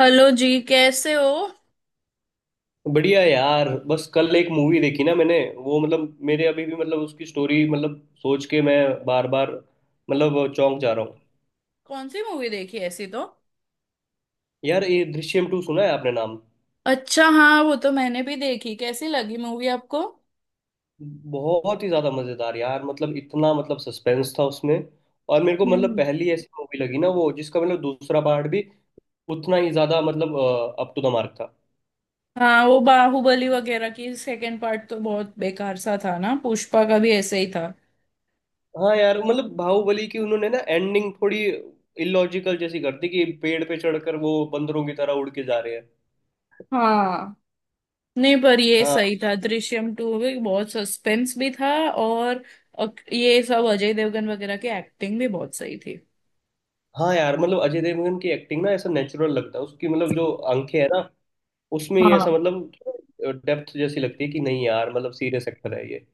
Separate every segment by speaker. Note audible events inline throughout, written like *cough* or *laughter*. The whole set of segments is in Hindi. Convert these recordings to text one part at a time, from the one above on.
Speaker 1: हेलो जी, कैसे हो।
Speaker 2: बढ़िया यार। बस कल एक मूवी देखी ना मैंने, वो मतलब, मेरे अभी भी मतलब उसकी स्टोरी मतलब सोच के मैं बार बार मतलब चौंक जा रहा हूँ।
Speaker 1: कौन सी मूवी देखी ऐसी तो।
Speaker 2: यार ये दृश्यम टू सुना है आपने नाम?
Speaker 1: अच्छा, हाँ वो तो मैंने भी देखी। कैसी लगी मूवी आपको।
Speaker 2: बहुत ही ज्यादा मजेदार यार। मतलब इतना मतलब सस्पेंस था उसमें। और मेरे को मतलब
Speaker 1: हम्म।
Speaker 2: पहली ऐसी मूवी लगी ना वो, जिसका मतलब दूसरा पार्ट भी उतना ही ज्यादा मतलब अप टू द मार्क था।
Speaker 1: हाँ, वो बाहुबली वगैरह की सेकंड पार्ट तो बहुत बेकार सा था ना। पुष्पा का भी ऐसे ही था।
Speaker 2: हाँ यार, मतलब बाहुबली की उन्होंने ना एंडिंग थोड़ी इलॉजिकल जैसी कर दी कि पेड़ पे चढ़कर वो बंदरों की तरह उड़ के जा रहे हैं।
Speaker 1: हाँ। नहीं, पर ये
Speaker 2: हाँ।
Speaker 1: सही था। दृश्यम टू भी बहुत सस्पेंस भी था, और ये सब अजय देवगन वगैरह की एक्टिंग भी बहुत सही थी।
Speaker 2: हाँ यार, मतलब अजय देवगन की एक्टिंग ना ऐसा नेचुरल लगता है, उसकी मतलब जो आंखें है ना उसमें ही
Speaker 1: हाँ।
Speaker 2: ऐसा मतलब डेप्थ जैसी लगती है कि नहीं यार। मतलब सीरियस एक्टर है ये।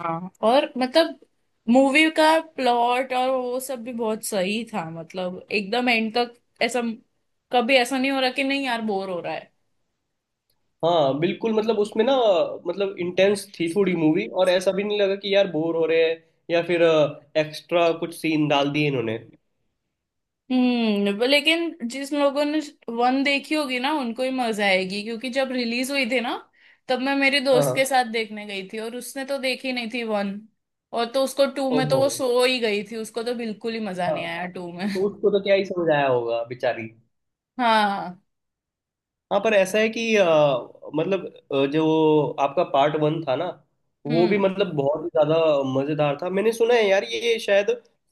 Speaker 1: हाँ, और मतलब मूवी का प्लॉट और वो सब भी बहुत सही था, मतलब एकदम एंड तक ऐसा कभी ऐसा नहीं हो रहा कि नहीं यार बोर हो रहा है।
Speaker 2: हाँ बिल्कुल। मतलब उसमें ना मतलब इंटेंस थी थोड़ी मूवी और ऐसा भी नहीं लगा कि यार बोर हो रहे हैं या फिर एक्स्ट्रा कुछ सीन डाल दिए इन्होंने।
Speaker 1: हम्म। लेकिन जिस लोगों ने वन देखी होगी ना उनको ही मजा आएगी, क्योंकि जब रिलीज हुई थी ना तब मैं मेरे दोस्त
Speaker 2: हाँ।
Speaker 1: के साथ देखने गई थी और उसने तो देखी नहीं थी वन। और तो उसको टू में तो
Speaker 2: ओहो।
Speaker 1: वो सो ही गई थी, उसको तो बिल्कुल ही मजा
Speaker 2: हाँ।
Speaker 1: नहीं आया टू में।
Speaker 2: तो
Speaker 1: *laughs*
Speaker 2: उसको तो क्या ही समझ आया होगा बेचारी।
Speaker 1: हाँ।
Speaker 2: हाँ पर ऐसा है कि मतलब जो आपका पार्ट वन था ना वो भी
Speaker 1: हम्म।
Speaker 2: मतलब बहुत ही ज्यादा मजेदार था। मैंने सुना है यार, ये शायद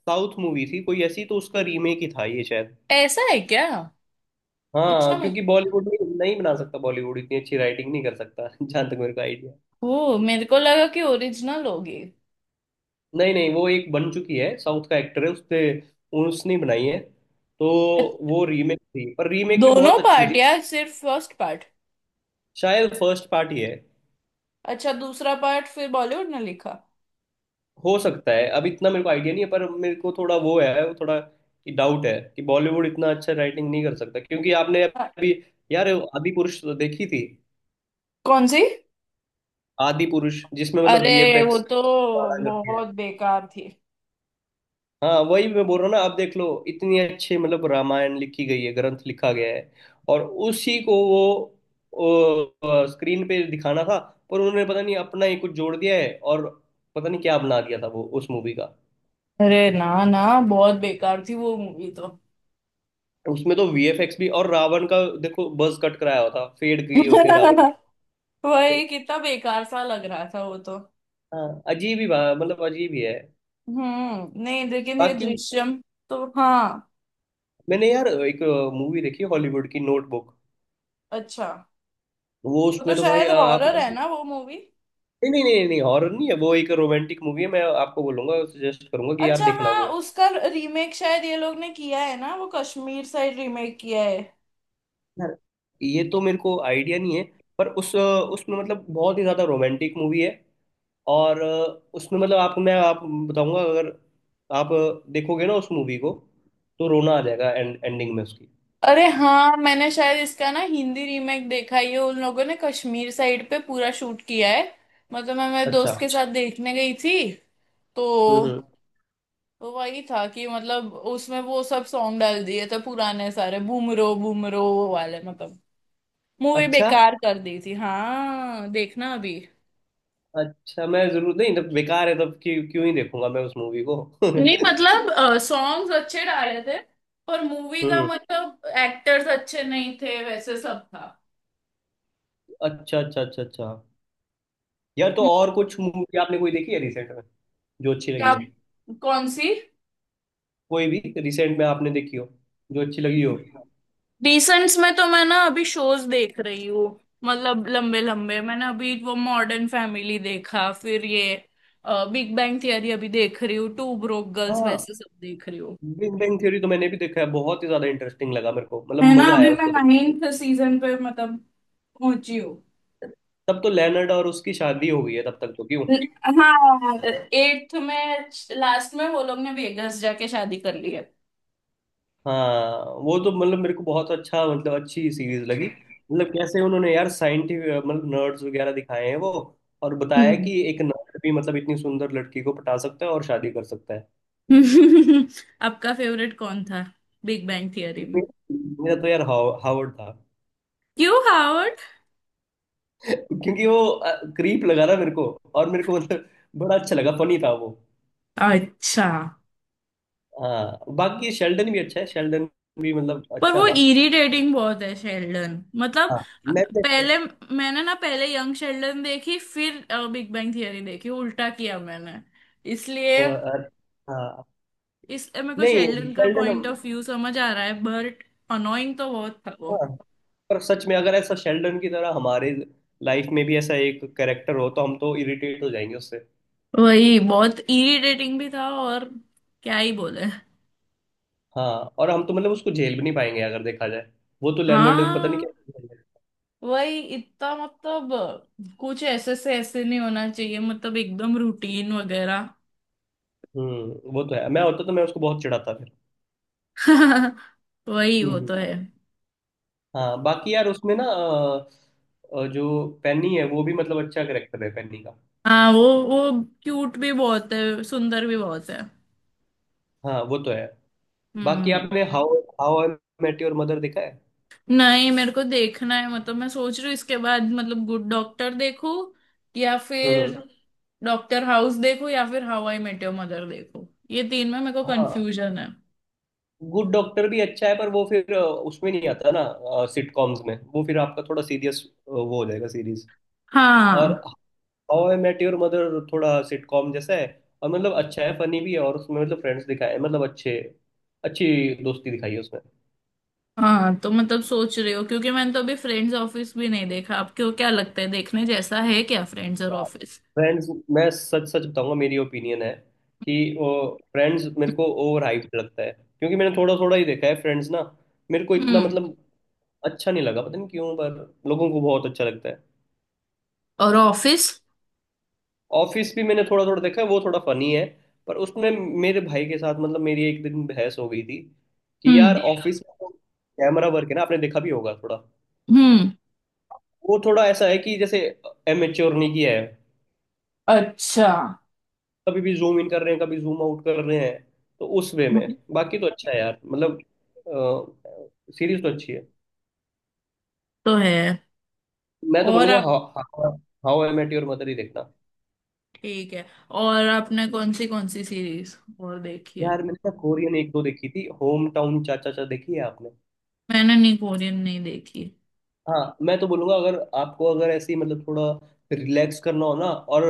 Speaker 2: साउथ मूवी थी कोई ऐसी, तो उसका रीमेक ही था ये शायद।
Speaker 1: ऐसा है क्या। अच्छा।
Speaker 2: हाँ, क्योंकि बॉलीवुड में नहीं बना सकता, बॉलीवुड इतनी अच्छी राइटिंग नहीं कर सकता *laughs* जहाँ तक मेरे को आइडिया।
Speaker 1: ओ, मेरे को लगा कि ओरिजिनल होगी।
Speaker 2: नहीं नहीं, वो एक बन चुकी है, साउथ का एक्टर है, उसने उसने बनाई है तो।
Speaker 1: अ-
Speaker 2: वो रीमेक थी पर रीमेक भी
Speaker 1: दोनों
Speaker 2: बहुत अच्छी
Speaker 1: पार्ट
Speaker 2: थी।
Speaker 1: या सिर्फ फर्स्ट पार्ट।
Speaker 2: शायद फर्स्ट पार्ट ही है।
Speaker 1: अच्छा, दूसरा पार्ट फिर बॉलीवुड ने लिखा।
Speaker 2: हो सकता है, अब इतना मेरे को आइडिया नहीं है, पर मेरे को थोड़ा वो है, वो थोड़ा डाउट है कि बॉलीवुड इतना अच्छा राइटिंग नहीं कर सकता, क्योंकि आपने
Speaker 1: अ,
Speaker 2: अभी यार आदि पुरुष तो देखी थी।
Speaker 1: कौन सी।
Speaker 2: आदि पुरुष जिसमें मतलब
Speaker 1: अरे, वो
Speaker 2: वीएफएक्स।
Speaker 1: तो बहुत बेकार थी।
Speaker 2: हाँ वही मैं बोल रहा हूँ ना। आप देख लो, इतनी अच्छी मतलब रामायण लिखी गई है, ग्रंथ लिखा गया है, और उसी को वो स्क्रीन पे दिखाना था, पर उन्होंने पता नहीं अपना ही कुछ जोड़ दिया है और पता नहीं क्या बना दिया था वो उस मूवी का।
Speaker 1: अरे ना ना, बहुत बेकार थी वो मूवी तो।
Speaker 2: उसमें तो वीएफएक्स भी, और रावण का देखो बuzz कट कराया हुआ था, फेड किए हुए थे रावण के।
Speaker 1: *laughs* वही, कितना बेकार सा लग रहा था वो तो।
Speaker 2: हाँ, अजीब ही मतलब अजीब ही है।
Speaker 1: हम्म। नहीं, लेकिन ये
Speaker 2: बाकी
Speaker 1: दृश्यम तो हाँ।
Speaker 2: मैंने यार एक मूवी देखी हॉलीवुड की, नोटबुक।
Speaker 1: अच्छा।
Speaker 2: वो
Speaker 1: वो
Speaker 2: उसमें
Speaker 1: तो
Speaker 2: तो भाई
Speaker 1: शायद
Speaker 2: आप।
Speaker 1: हॉरर है ना वो मूवी।
Speaker 2: नहीं नहीं नहीं नहीं, हॉरर नहीं है वो, एक रोमांटिक मूवी है। मैं आपको बोलूंगा, सजेस्ट करूंगा कि यार
Speaker 1: अच्छा,
Speaker 2: देखना
Speaker 1: हाँ,
Speaker 2: वो।
Speaker 1: उसका रीमेक शायद ये लोग ने किया है ना, वो कश्मीर साइड रीमेक किया है।
Speaker 2: यार ये तो मेरे को आइडिया नहीं है, पर उस उसमें मतलब बहुत ही ज्यादा रोमांटिक मूवी है। और उसमें मतलब आपको, मैं आप बताऊंगा, अगर आप देखोगे ना उस मूवी को तो रोना आ जाएगा एंडिंग में उसकी।
Speaker 1: अरे हाँ, मैंने शायद इसका ना हिंदी रीमेक देखा है। ये उन लोगों ने कश्मीर साइड पे पूरा शूट किया है। मतलब मैं मेरे
Speaker 2: अच्छा।
Speaker 1: दोस्त के साथ अच्छा देखने गई थी। तो।
Speaker 2: हम्म हम्म।
Speaker 1: तो वही था कि मतलब उसमें वो सब सॉन्ग डाल दिए थे पुराने सारे, बूमरो बूमरो वो वाले, मतलब मूवी
Speaker 2: अच्छा
Speaker 1: बेकार कर दी थी। हाँ देखना अभी।
Speaker 2: अच्छा। मैं जरूर नहीं, जब बेकार है तब क्यों क्यों ही देखूंगा मैं उस मूवी को *laughs*
Speaker 1: नहीं, मतलब सॉन्ग्स अच्छे डाले थे। पर मूवी का
Speaker 2: हम्म।
Speaker 1: मतलब एक्टर्स अच्छे नहीं थे, वैसे सब था।
Speaker 2: अच्छा अच्छा अच्छा अच्छा। यार तो और कुछ मूवी आपने कोई देखी है रिसेंट में जो अच्छी लगी
Speaker 1: क्या।
Speaker 2: हो?
Speaker 1: कौन सी।
Speaker 2: कोई भी रिसेंट में आपने देखी हो जो अच्छी लगी हो?
Speaker 1: रिसेंट्स में तो मैं ना अभी शोज देख रही हूँ। मतलब लंबे लंबे, मैंने अभी वो मॉडर्न फैमिली देखा, फिर ये बिग बैंग थियरी अभी देख रही हूँ, टू ब्रोक गर्ल्स,
Speaker 2: हाँ।
Speaker 1: वैसे सब देख रही हूँ।
Speaker 2: बिग बैंग थ्योरी तो मैंने भी देखा है, बहुत ही ज्यादा इंटरेस्टिंग लगा मेरे को,
Speaker 1: है
Speaker 2: मतलब
Speaker 1: ना।
Speaker 2: मजा
Speaker 1: अभी
Speaker 2: आया
Speaker 1: मैं
Speaker 2: उसको।
Speaker 1: नाइन्थ सीजन पे मतलब पहुंची हूँ।
Speaker 2: तब तो लेनर्ड और उसकी शादी हो गई है तब तक तो, क्यों?
Speaker 1: हाँ, एट्थ में लास्ट में वो लोग ने वेगस जाके शादी कर ली है।
Speaker 2: हाँ। वो तो मतलब मेरे को बहुत अच्छा, मतलब अच्छी सीरीज लगी। मतलब कैसे उन्होंने यार साइंटिफिक मतलब नर्ड्स वगैरह दिखाए हैं वो, और बताया
Speaker 1: हम्म।
Speaker 2: कि एक नर्ड भी मतलब इतनी सुंदर लड़की को पटा सकता है और शादी कर सकता है।
Speaker 1: *laughs* आपका फेवरेट कौन था बिग बैंग थियरी में।
Speaker 2: मेरा तो यार हावर्ड था।
Speaker 1: क्यों हावर्ड।
Speaker 2: *laughs* क्योंकि वो क्रीप लगा ना मेरे को, और मेरे को मतलब बड़ा अच्छा लगा, फनी था वो।
Speaker 1: अच्छा।
Speaker 2: हाँ। बाकी शेल्डन भी अच्छा है, शेल्डन भी मतलब
Speaker 1: पर
Speaker 2: अच्छा
Speaker 1: वो
Speaker 2: था।
Speaker 1: इरिटेटिंग बहुत है शेल्डन। मतलब
Speaker 2: हाँ। नेटफ्लिक्स।
Speaker 1: पहले मैंने ना पहले यंग शेल्डन देखी फिर बिग बैंग थियरी देखी, उल्टा किया मैंने, इसलिए
Speaker 2: हाँ।
Speaker 1: इस मेरे को
Speaker 2: नहीं,
Speaker 1: शेल्डन का
Speaker 2: शेल्डन।
Speaker 1: पॉइंट ऑफ व्यू समझ आ रहा है बट अनोइंग तो बहुत था।
Speaker 2: हाँ पर सच में अगर ऐसा शेल्डन की तरह हमारे लाइफ में भी ऐसा एक कैरेक्टर हो तो हम तो इरिटेट हो जाएंगे उससे।
Speaker 1: वही बहुत इरिटेटिंग भी था, और क्या ही बोले।
Speaker 2: हाँ। और हम तो मतलब उसको झेल भी नहीं पाएंगे अगर देखा जाए। वो तो लेनर्ड पता नहीं
Speaker 1: हाँ,
Speaker 2: क्या।
Speaker 1: वही इतना मतलब कुछ ऐसे से ऐसे नहीं होना चाहिए, मतलब एकदम रूटीन वगैरह।
Speaker 2: हम्म। वो तो है, मैं होता तो मैं उसको बहुत चिढ़ाता फिर।
Speaker 1: *laughs* वही,
Speaker 2: हम्म
Speaker 1: वो तो
Speaker 2: हम्म।
Speaker 1: है।
Speaker 2: हाँ बाकी यार उसमें ना जो पेनी है वो भी मतलब अच्छा करेक्टर है पेनी का।
Speaker 1: हाँ, वो क्यूट भी बहुत है, सुंदर भी बहुत है।
Speaker 2: हाँ वो तो है। बाकी
Speaker 1: हम्म।
Speaker 2: आपने how how I met your mother देखा है?
Speaker 1: नहीं, मेरे को देखना है, मतलब मैं सोच रही हूँ इसके बाद मतलब गुड डॉक्टर देखूं या फिर
Speaker 2: हम्म।
Speaker 1: डॉक्टर हाउस देखूं या फिर how I met your mother देखूं। ये तीन में मेरे को
Speaker 2: हाँ
Speaker 1: कंफ्यूजन है।
Speaker 2: गुड डॉक्टर भी अच्छा है, पर वो फिर उसमें नहीं आता ना सिटकॉम्स में, वो फिर आपका थोड़ा सीरियस वो हो जाएगा सीरीज। और
Speaker 1: हाँ।
Speaker 2: How I met your mother थोड़ा सिटकॉम जैसा है, और मतलब अच्छा है, फनी भी है, और उसमें मतलब फ्रेंड्स दिखाए हैं, मतलब अच्छे, अच्छी दोस्ती दिखाई है उसमें।
Speaker 1: हाँ, तो मतलब सोच रहे हो, क्योंकि मैंने तो अभी फ्रेंड्स, ऑफिस भी नहीं देखा। आपको क्या लगता है देखने जैसा है क्या फ्रेंड्स और ऑफिस।
Speaker 2: फ्रेंड्स, मैं सच सच बताऊंगा, मेरी ओपिनियन है कि वो फ्रेंड्स मेरे को ओवर हाइप लगता है, क्योंकि मैंने थोड़ा थोड़ा ही देखा है फ्रेंड्स ना। मेरे को इतना
Speaker 1: हम्म।
Speaker 2: मतलब अच्छा नहीं लगा, पता नहीं क्यों, पर लोगों को बहुत अच्छा लगता है।
Speaker 1: और ऑफिस।
Speaker 2: ऑफिस भी मैंने थोड़ा थोड़ा देखा है, वो थोड़ा फनी है, पर उसमें मेरे भाई के साथ मतलब मेरी एक दिन बहस हो गई थी कि
Speaker 1: हम्म
Speaker 2: यार ऑफिस में तो कैमरा वर्क है ना, आपने देखा भी होगा थोड़ा,
Speaker 1: हम्म।
Speaker 2: वो थोड़ा ऐसा है कि जैसे एमेच्योर नहीं किया है,
Speaker 1: अच्छा।
Speaker 2: कभी भी जूम इन कर रहे हैं कभी जूम आउट कर रहे हैं। तो उस वे में,
Speaker 1: हम्म,
Speaker 2: बाकी तो अच्छा है यार, मतलब सीरीज तो अच्छी है।
Speaker 1: तो है।
Speaker 2: मैं तो
Speaker 1: और
Speaker 2: बोलूंगा
Speaker 1: आप।
Speaker 2: How I met your mother ही देखना।
Speaker 1: ठीक है। और आपने कौन सी सीरीज और देखी है।
Speaker 2: यार मैंने ना कोरियन एक दो देखी थी, होम टाउन चाचा चा, देखी है आपने?
Speaker 1: मैंने नहीं, कोरियन नहीं देखी।
Speaker 2: हाँ, मैं तो बोलूंगा अगर आपको अगर ऐसी मतलब थोड़ा रिलैक्स करना हो ना, और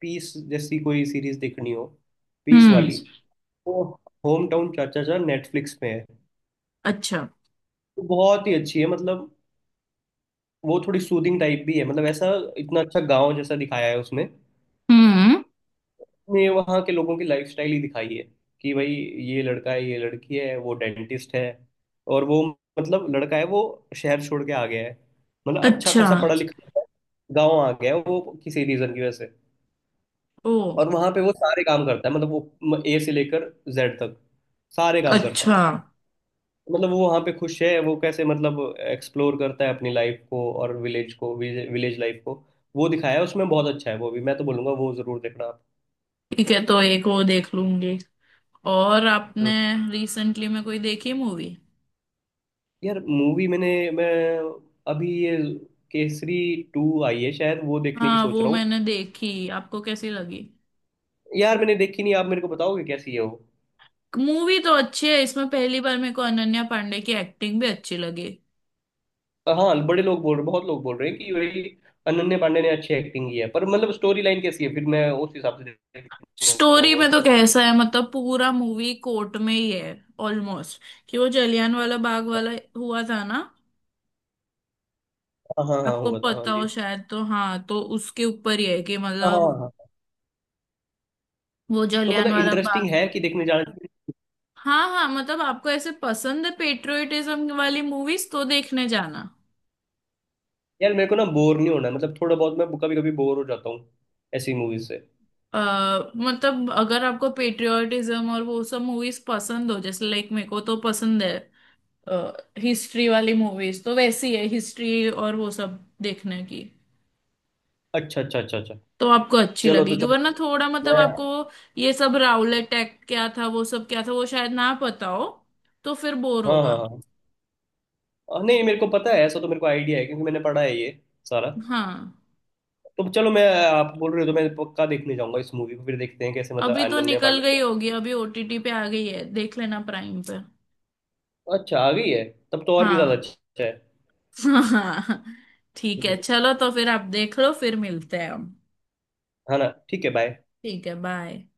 Speaker 2: पीस जैसी कोई सीरीज देखनी हो, पीस
Speaker 1: हम्म।
Speaker 2: वाली, तो होम टाउन चाचा चाचा नेटफ्लिक्स पे है,
Speaker 1: अच्छा।
Speaker 2: तो बहुत ही अच्छी है। मतलब वो थोड़ी सूदिंग टाइप भी है, मतलब ऐसा इतना अच्छा गांव जैसा दिखाया है उसमें
Speaker 1: हम्म।
Speaker 2: ने, वहाँ के लोगों की लाइफस्टाइल ही दिखाई है कि भाई ये लड़का है, ये लड़की है, वो डेंटिस्ट है, और वो मतलब लड़का है, वो शहर छोड़ के आ गया है, मतलब अच्छा
Speaker 1: अच्छा,
Speaker 2: खासा पढ़ा लिखा है, गाँव आ गया है वो किसी रीजन की वजह से,
Speaker 1: ओ,
Speaker 2: और वहां पे वो सारे काम करता है, मतलब वो ए से लेकर जेड तक सारे काम करता है।
Speaker 1: अच्छा।
Speaker 2: मतलब वो वहां पे खुश है, वो कैसे मतलब एक्सप्लोर करता है अपनी लाइफ को, और विलेज को, विलेज लाइफ को, वो दिखाया है उसमें। बहुत अच्छा है वो भी, मैं तो बोलूंगा वो जरूर देखना आप।
Speaker 1: ठीक है, तो एक वो देख लूंगी। और आपने
Speaker 2: हम्म।
Speaker 1: रिसेंटली में कोई देखी मूवी।
Speaker 2: यार मूवी मैं अभी ये केसरी टू आई है शायद, वो देखने की
Speaker 1: हाँ,
Speaker 2: सोच
Speaker 1: वो
Speaker 2: रहा हूँ।
Speaker 1: मैंने देखी, आपको कैसी लगी।
Speaker 2: यार मैंने देखी नहीं, आप मेरे को बताओगे कैसी है वो?
Speaker 1: मूवी तो अच्छी है। इसमें पहली बार मेरे को अनन्या पांडे की एक्टिंग भी अच्छी लगी।
Speaker 2: हाँ बड़े लोग बोल रहे, बहुत लोग बोल रहे हैं कि वही अनन्या पांडे ने अच्छी एक्टिंग की है, पर मतलब स्टोरी लाइन कैसी है फिर मैं उस हिसाब से देखने
Speaker 1: स्टोरी
Speaker 2: जाऊंगा
Speaker 1: में तो
Speaker 2: उसको।
Speaker 1: कैसा है, मतलब पूरा मूवी कोर्ट में ही है ऑलमोस्ट, कि वो जलियान वाला बाग वाला हुआ था ना।
Speaker 2: हाँ हाँ हाँ,
Speaker 1: आपको
Speaker 2: होगा तो, हाँ
Speaker 1: पता
Speaker 2: जी।
Speaker 1: हो शायद, तो हाँ, तो उसके ऊपर ही है कि
Speaker 2: हाँ हाँ
Speaker 1: मतलब
Speaker 2: हाँ,
Speaker 1: वो
Speaker 2: तो
Speaker 1: जलियान
Speaker 2: मतलब
Speaker 1: वाला
Speaker 2: इंटरेस्टिंग
Speaker 1: बाग।
Speaker 2: है कि देखने जाना चाहिए।
Speaker 1: हाँ हाँ, मतलब आपको ऐसे पसंद है पेट्रियोटिज्म वाली मूवीज तो देखने जाना।
Speaker 2: यार मेरे को ना बोर नहीं होना है, मतलब थोड़ा बहुत मैं कभी कभी बोर हो जाता हूँ ऐसी मूवीज से।
Speaker 1: मतलब अगर आपको पेट्रियोटिज्म और वो सब मूवीज पसंद हो जैसे लाइक, मेरे को तो पसंद है हिस्ट्री वाली मूवीज, तो वैसी है हिस्ट्री और वो सब देखने की।
Speaker 2: अच्छा अच्छा अच्छा अच्छा।
Speaker 1: तो आपको अच्छी
Speaker 2: चलो तो,
Speaker 1: लगेगी,
Speaker 2: चलो
Speaker 1: वरना थोड़ा मतलब
Speaker 2: मैं।
Speaker 1: आपको ये सब राउलेट एक्ट क्या था, वो सब क्या था, वो शायद ना पता हो, तो फिर बोर
Speaker 2: हाँ
Speaker 1: होगा।
Speaker 2: हाँ हाँ, नहीं मेरे को पता है ऐसा, तो मेरे को आइडिया है क्योंकि मैंने पढ़ा है ये सारा।
Speaker 1: हाँ।
Speaker 2: तो चलो, मैं, आप बोल रहे हो तो मैं पक्का देखने जाऊंगा इस मूवी को, फिर देखते हैं कैसे, मतलब
Speaker 1: अभी तो
Speaker 2: अनन्या
Speaker 1: निकल
Speaker 2: पांडे।
Speaker 1: गई होगी, अभी ओटीटी पे आ गई है, देख लेना प्राइम पे।
Speaker 2: अच्छा आ गई है, तब तो और भी ज्यादा
Speaker 1: हाँ।
Speaker 2: अच्छा है।
Speaker 1: *laughs* हाँ। ठीक है,
Speaker 2: हम्म।
Speaker 1: चलो तो फिर आप देख लो, फिर मिलते हैं हम।
Speaker 2: हाँ ना ठीक है बाय।
Speaker 1: ठीक है बाय।